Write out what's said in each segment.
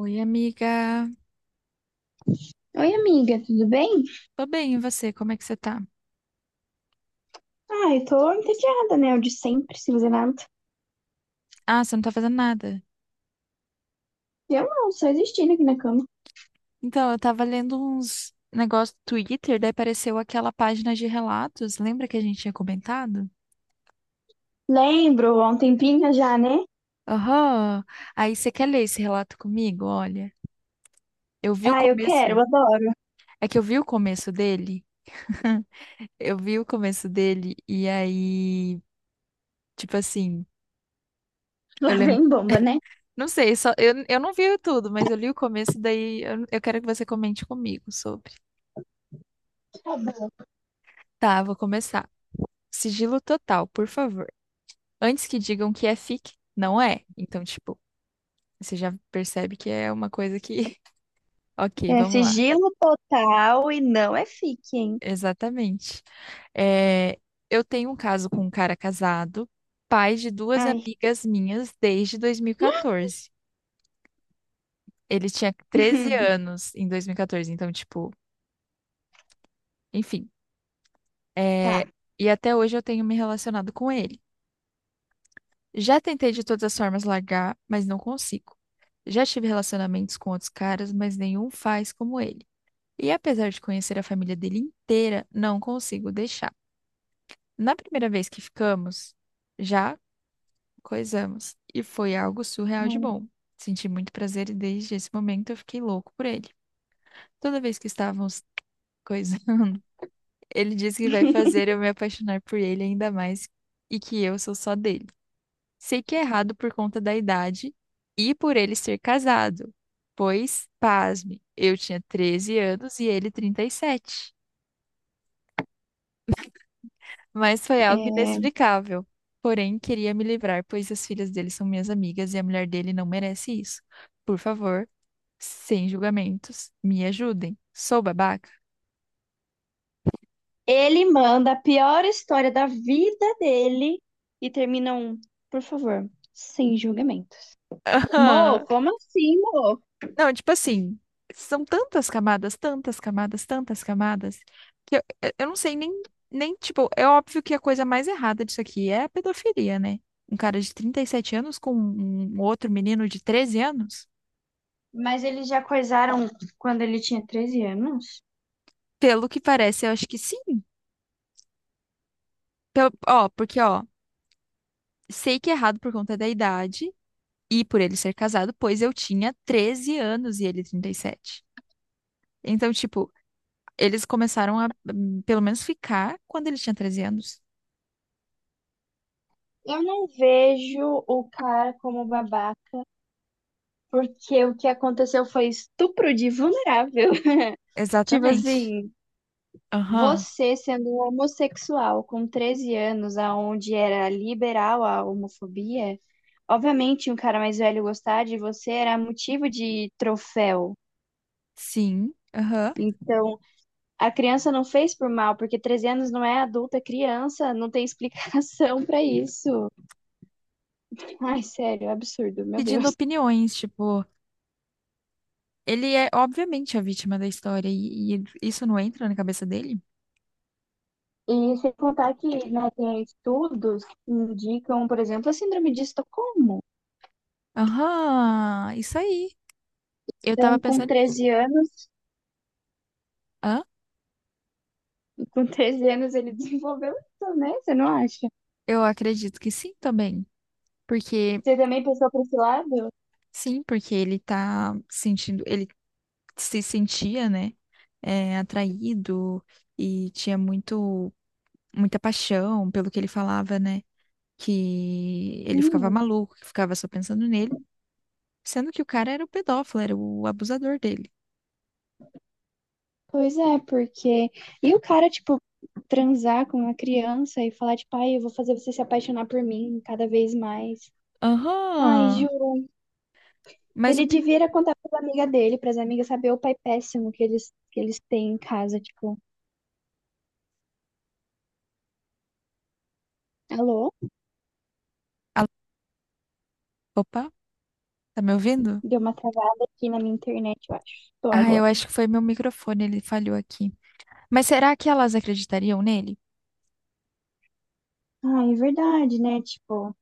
Oi, amiga. Oi, amiga, tudo bem? Tô bem, e você? Como é que você tá? Ai, tô entediada, né? O de sempre, sem fazer nada. Ah, você não tá fazendo nada. Eu não, só existindo aqui na cama. Então, eu tava lendo uns negócios do Twitter, daí apareceu aquela página de relatos. Lembra que a gente tinha comentado? Lembro, há um tempinho já, né? Aham. Aí você quer ler esse relato comigo? Olha, eu vi o Ah, eu começo. quero, eu adoro. É que eu vi o começo dele. Eu vi o começo dele e aí, tipo assim, eu Lá lembro. vem bomba, né? Não sei, só, eu não vi tudo, mas eu li o começo, daí eu quero que você comente comigo sobre. Tá bom. Tá, vou começar. Sigilo total, por favor. Antes que digam que é fic, não é. Então, tipo, você já percebe que é uma coisa que. Ok, É vamos lá. sigilo total e não é fique, hein? Exatamente. É, eu tenho um caso com um cara casado, pai de duas Ai. amigas minhas desde 2014. Ele tinha 13 anos em 2014, então, tipo, enfim. é, Tá. E até hoje eu tenho me relacionado com ele. Já tentei de todas as formas largar, mas não consigo. Já tive relacionamentos com outros caras, mas nenhum faz como ele. E apesar de conhecer a família dele inteira, não consigo deixar. Na primeira vez que ficamos, já coisamos. E foi algo surreal de Hum. bom. Senti muito prazer e desde esse momento eu fiquei louco por ele. Toda vez que estávamos coisando, ele disse que vai fazer eu me apaixonar por ele ainda mais e que eu sou só dele. Sei que é errado por conta da idade e por ele ser casado, pois, pasme, eu tinha 13 anos e ele 37. Mas foi algo É, inexplicável. Porém, queria me livrar, pois as filhas dele são minhas amigas e a mulher dele não merece isso. Por favor, sem julgamentos, me ajudem. Sou babaca? ele manda a pior história da vida dele e termina um, por favor, sem julgamentos. Mo, como assim, Mo? Não, tipo assim, são tantas camadas, tantas camadas, tantas camadas, que eu não sei nem, tipo, é óbvio que a coisa mais errada disso aqui é a pedofilia, né? Um cara de 37 anos com um outro menino de 13 anos? Mas eles já coisaram quando ele tinha 13 anos? Pelo que parece, eu acho que sim. Ó, porque, ó, sei que é errado por conta da idade e por ele ser casado, pois eu tinha 13 anos e ele 37. Então, tipo, eles começaram a, pelo menos, ficar quando ele tinha 13 anos. Eu não vejo o cara como babaca, porque o que aconteceu foi estupro de vulnerável. Tipo Exatamente. assim, Aham, você sendo um homossexual com 13 anos, aonde era liberal a homofobia, obviamente um cara mais velho gostar de você era motivo de troféu. sim, aham. Então, a criança não fez por mal, porque 13 anos não é adulta, é criança, não tem explicação pra isso. Ai, sério, é absurdo, meu Pedindo Deus. opiniões, tipo, ele é obviamente a vítima da história e isso não entra na cabeça dele? E sem contar que, né, tem estudos que indicam, por exemplo, a síndrome de Estocolmo. Aham, isso aí. Eu tava Então, com pensando nisso. 13 anos, Hã? com treze anos ele desenvolveu isso, né? Você não acha? Eu acredito que sim também, porque Você também pensou pra esse lado? sim, porque ele tá sentindo, ele se sentia, né, atraído e tinha muito muita paixão pelo que ele falava, né? Que ele ficava Hum, maluco, que ficava só pensando nele. Sendo que o cara era o pedófilo, era o abusador dele. pois é, porque. E o cara, tipo, transar com uma criança e falar, tipo, ai, eu vou fazer você se apaixonar por mim cada vez mais. Ai, Aham. juro. Mas o. Ele pe- devia era contar para amiga dele, para as amigas saber o pai péssimo que eles têm em casa, tipo, alô? Alô? Opa, tá me ouvindo? Deu uma travada aqui na minha internet, eu acho. Tô Ah, eu agora. acho que foi meu microfone, ele falhou aqui. Mas será que elas acreditariam nele? Ah, é verdade, né? Tipo,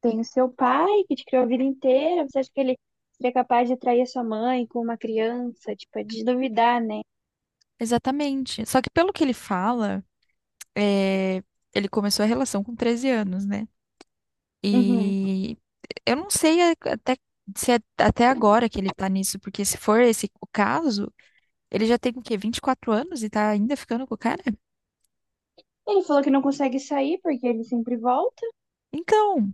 tem o seu pai que te criou a vida inteira. Você acha que ele seria capaz de trair a sua mãe com uma criança? Tipo, é de duvidar, né? Exatamente. Só que pelo que ele fala, é, ele começou a relação com 13 anos, né? Uhum. E eu não sei até se é até agora que ele tá nisso, porque se for esse o caso, ele já tem o quê? 24 anos e tá ainda ficando com o cara? Ele falou que não consegue sair porque ele sempre volta. Então,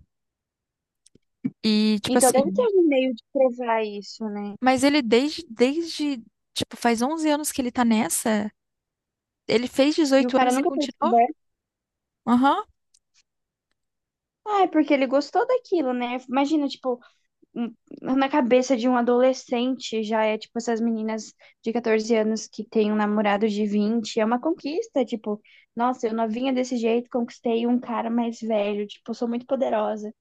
e tipo Então deve ter assim. algum meio de provar isso, né? Mas ele desde, tipo, faz 11 anos que ele tá nessa. Ele fez E o 18 cara anos e nunca foi continuou? descoberto. Aham. Ah, é porque ele gostou daquilo, né? Imagina, tipo, um- na cabeça de um adolescente já é tipo essas meninas de 14 anos que têm um namorado de 20, é uma conquista, tipo, nossa, eu novinha desse jeito, conquistei um cara mais velho, tipo, sou muito poderosa.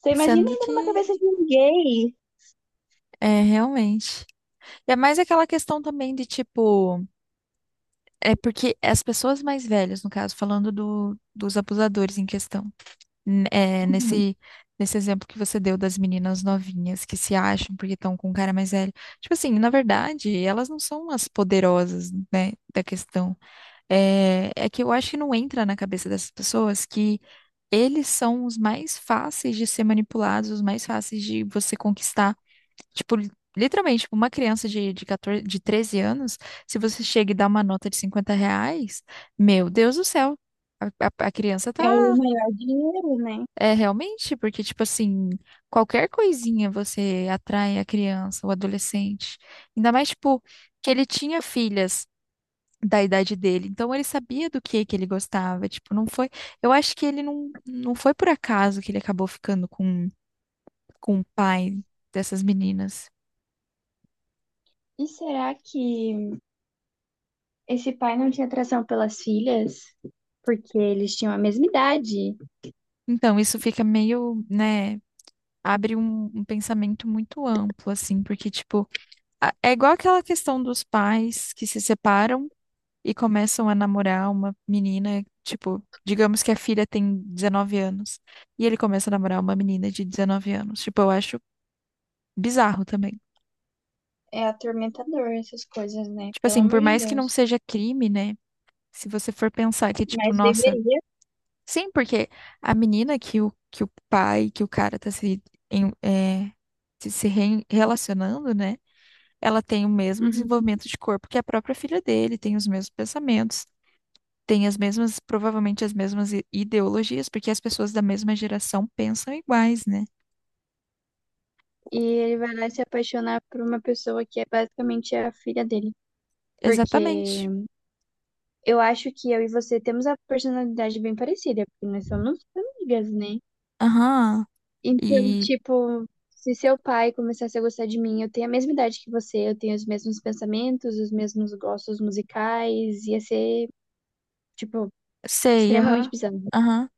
Você imagina Sendo ainda que, numa cabeça de um gay. Realmente. E é mais aquela questão também de, tipo, é porque as pessoas mais velhas, no caso, falando dos abusadores em questão, n- é, Uhum. nesse, nesse exemplo que você deu das meninas novinhas que se acham porque estão com um cara mais velho. Tipo assim, na verdade, elas não são as poderosas, né, da questão. É que eu acho que não entra na cabeça dessas pessoas que eles são os mais fáceis de ser manipulados, os mais fáceis de você conquistar. Tipo, literalmente, tipo, uma criança de 14, de 13 anos, se você chega e dá uma nota de R$ 50, meu Deus do céu, a criança É o tá. maior dinheiro, né? É realmente, porque, tipo assim, qualquer coisinha você atrai a criança, o adolescente. Ainda mais, tipo, que ele tinha filhas da idade dele. Então ele sabia do que ele gostava, tipo, não foi, eu acho que ele não foi por acaso que ele acabou ficando com o pai dessas meninas. E será que esse pai não tinha atração pelas filhas? Porque eles tinham a mesma idade. Então isso fica meio, né, abre um pensamento muito amplo assim, porque tipo, é igual aquela questão dos pais que se separam e começam a namorar uma menina, tipo, digamos que a filha tem 19 anos e ele começa a namorar uma menina de 19 anos. Tipo, eu acho bizarro também. É atormentador essas coisas, né? Tipo Pelo assim, amor por de mais que não Deus. seja crime, né? Se você for pensar que, tipo, Mas nossa. deveria. Sim, porque a menina que o cara tá se, em- é, se relacionando, né? Ela tem o mesmo desenvolvimento de corpo que a própria filha dele, tem os mesmos pensamentos, tem as mesmas, provavelmente as mesmas ideologias, porque as pessoas da mesma geração pensam iguais, né? E ele vai lá se apaixonar por uma pessoa que é basicamente a filha dele. Porque Exatamente. eu acho que eu e você temos a personalidade bem parecida, porque nós somos amigas, né? Aham. Então, E tipo, se seu pai começasse a gostar de mim, eu tenho a mesma idade que você, eu tenho os mesmos pensamentos, os mesmos gostos musicais, ia ser, tipo, sei, extremamente aham. bizarro. Aham.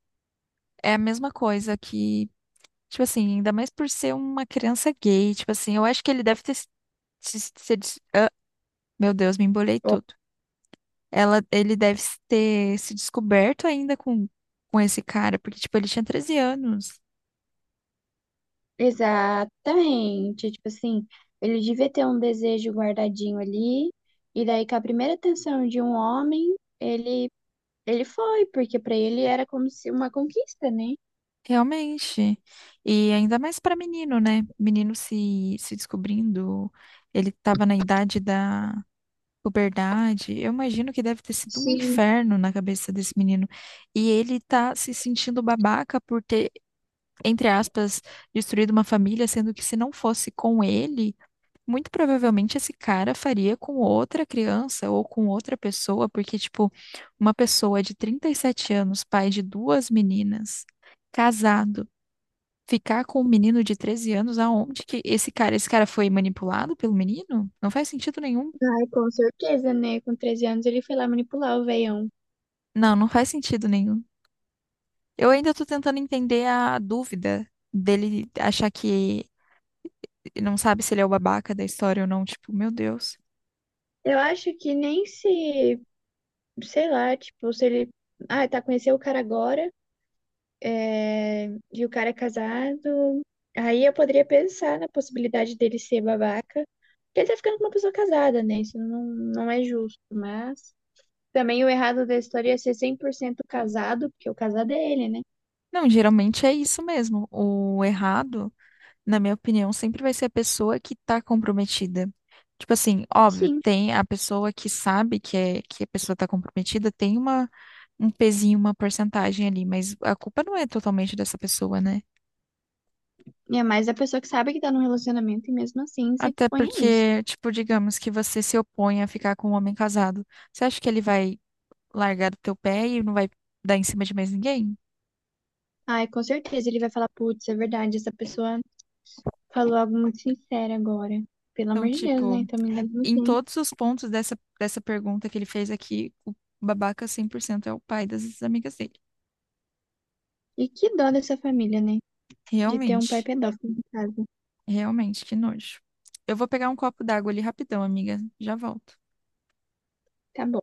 É a mesma coisa que. Tipo assim, ainda mais por ser uma criança gay, tipo assim, eu acho que ele deve ter se, se- se des- ah, meu Deus, me embolei todo. Ele deve se ter se descoberto ainda com esse cara, porque, tipo, ele tinha 13 anos, Exatamente. Tipo assim, ele devia ter um desejo guardadinho ali, e daí com a primeira atenção de um homem, ele foi, porque pra ele era como se uma conquista, né? realmente. E ainda mais pra menino, né? Menino se descobrindo, ele tava na idade da puberdade. Eu imagino que deve ter sido um Sim. inferno na cabeça desse menino. E ele tá se sentindo babaca por ter entre aspas, destruído uma família, sendo que se não fosse com ele, muito provavelmente esse cara faria com outra criança ou com outra pessoa, porque, tipo, uma pessoa de 37 anos, pai de duas meninas, casado, ficar com um menino de 13 anos, aonde que esse cara foi manipulado pelo menino? Não faz sentido nenhum. Ai, com certeza, né? Com treze anos ele foi lá manipular o veião. Não, não faz sentido nenhum. Eu ainda tô tentando entender a dúvida dele achar que não sabe se ele é o babaca da história ou não. Tipo, meu Deus. Eu acho que nem se, sei lá, tipo, se ele, ah, tá, conheceu o cara agora, é, e o cara é casado. Aí eu poderia pensar na possibilidade dele ser babaca. Porque ele tá ficando com uma pessoa casada, né? Isso não, não é justo. Mas também o errado da história é ser 100% casado, porque o casado é ele, né? Não, geralmente é isso mesmo. O errado, na minha opinião, sempre vai ser a pessoa que tá comprometida. Tipo assim, óbvio, Sim. tem a pessoa que sabe que a pessoa tá comprometida, tem um pezinho, uma porcentagem ali, mas a culpa não é totalmente dessa pessoa, né? E é mais a pessoa que sabe que tá num relacionamento e mesmo assim se Até expõe a isso. porque, tipo, digamos que você se opõe a ficar com um homem casado. Você acha que ele vai largar do teu pé e não vai dar em cima de mais ninguém? Ai, com certeza ele vai falar, putz, é verdade, essa pessoa falou algo muito sincero agora. Pelo Então, amor de Deus, né? tipo, Então me engano muito em bem. todos os pontos dessa pergunta que ele fez aqui, o babaca 100% é o pai das amigas dele. E que dó dessa família, né? De ter um pai Realmente, pedófilo em casa. realmente, que nojo. Eu vou pegar um copo d'água ali rapidão, amiga. Já volto. Tá bom.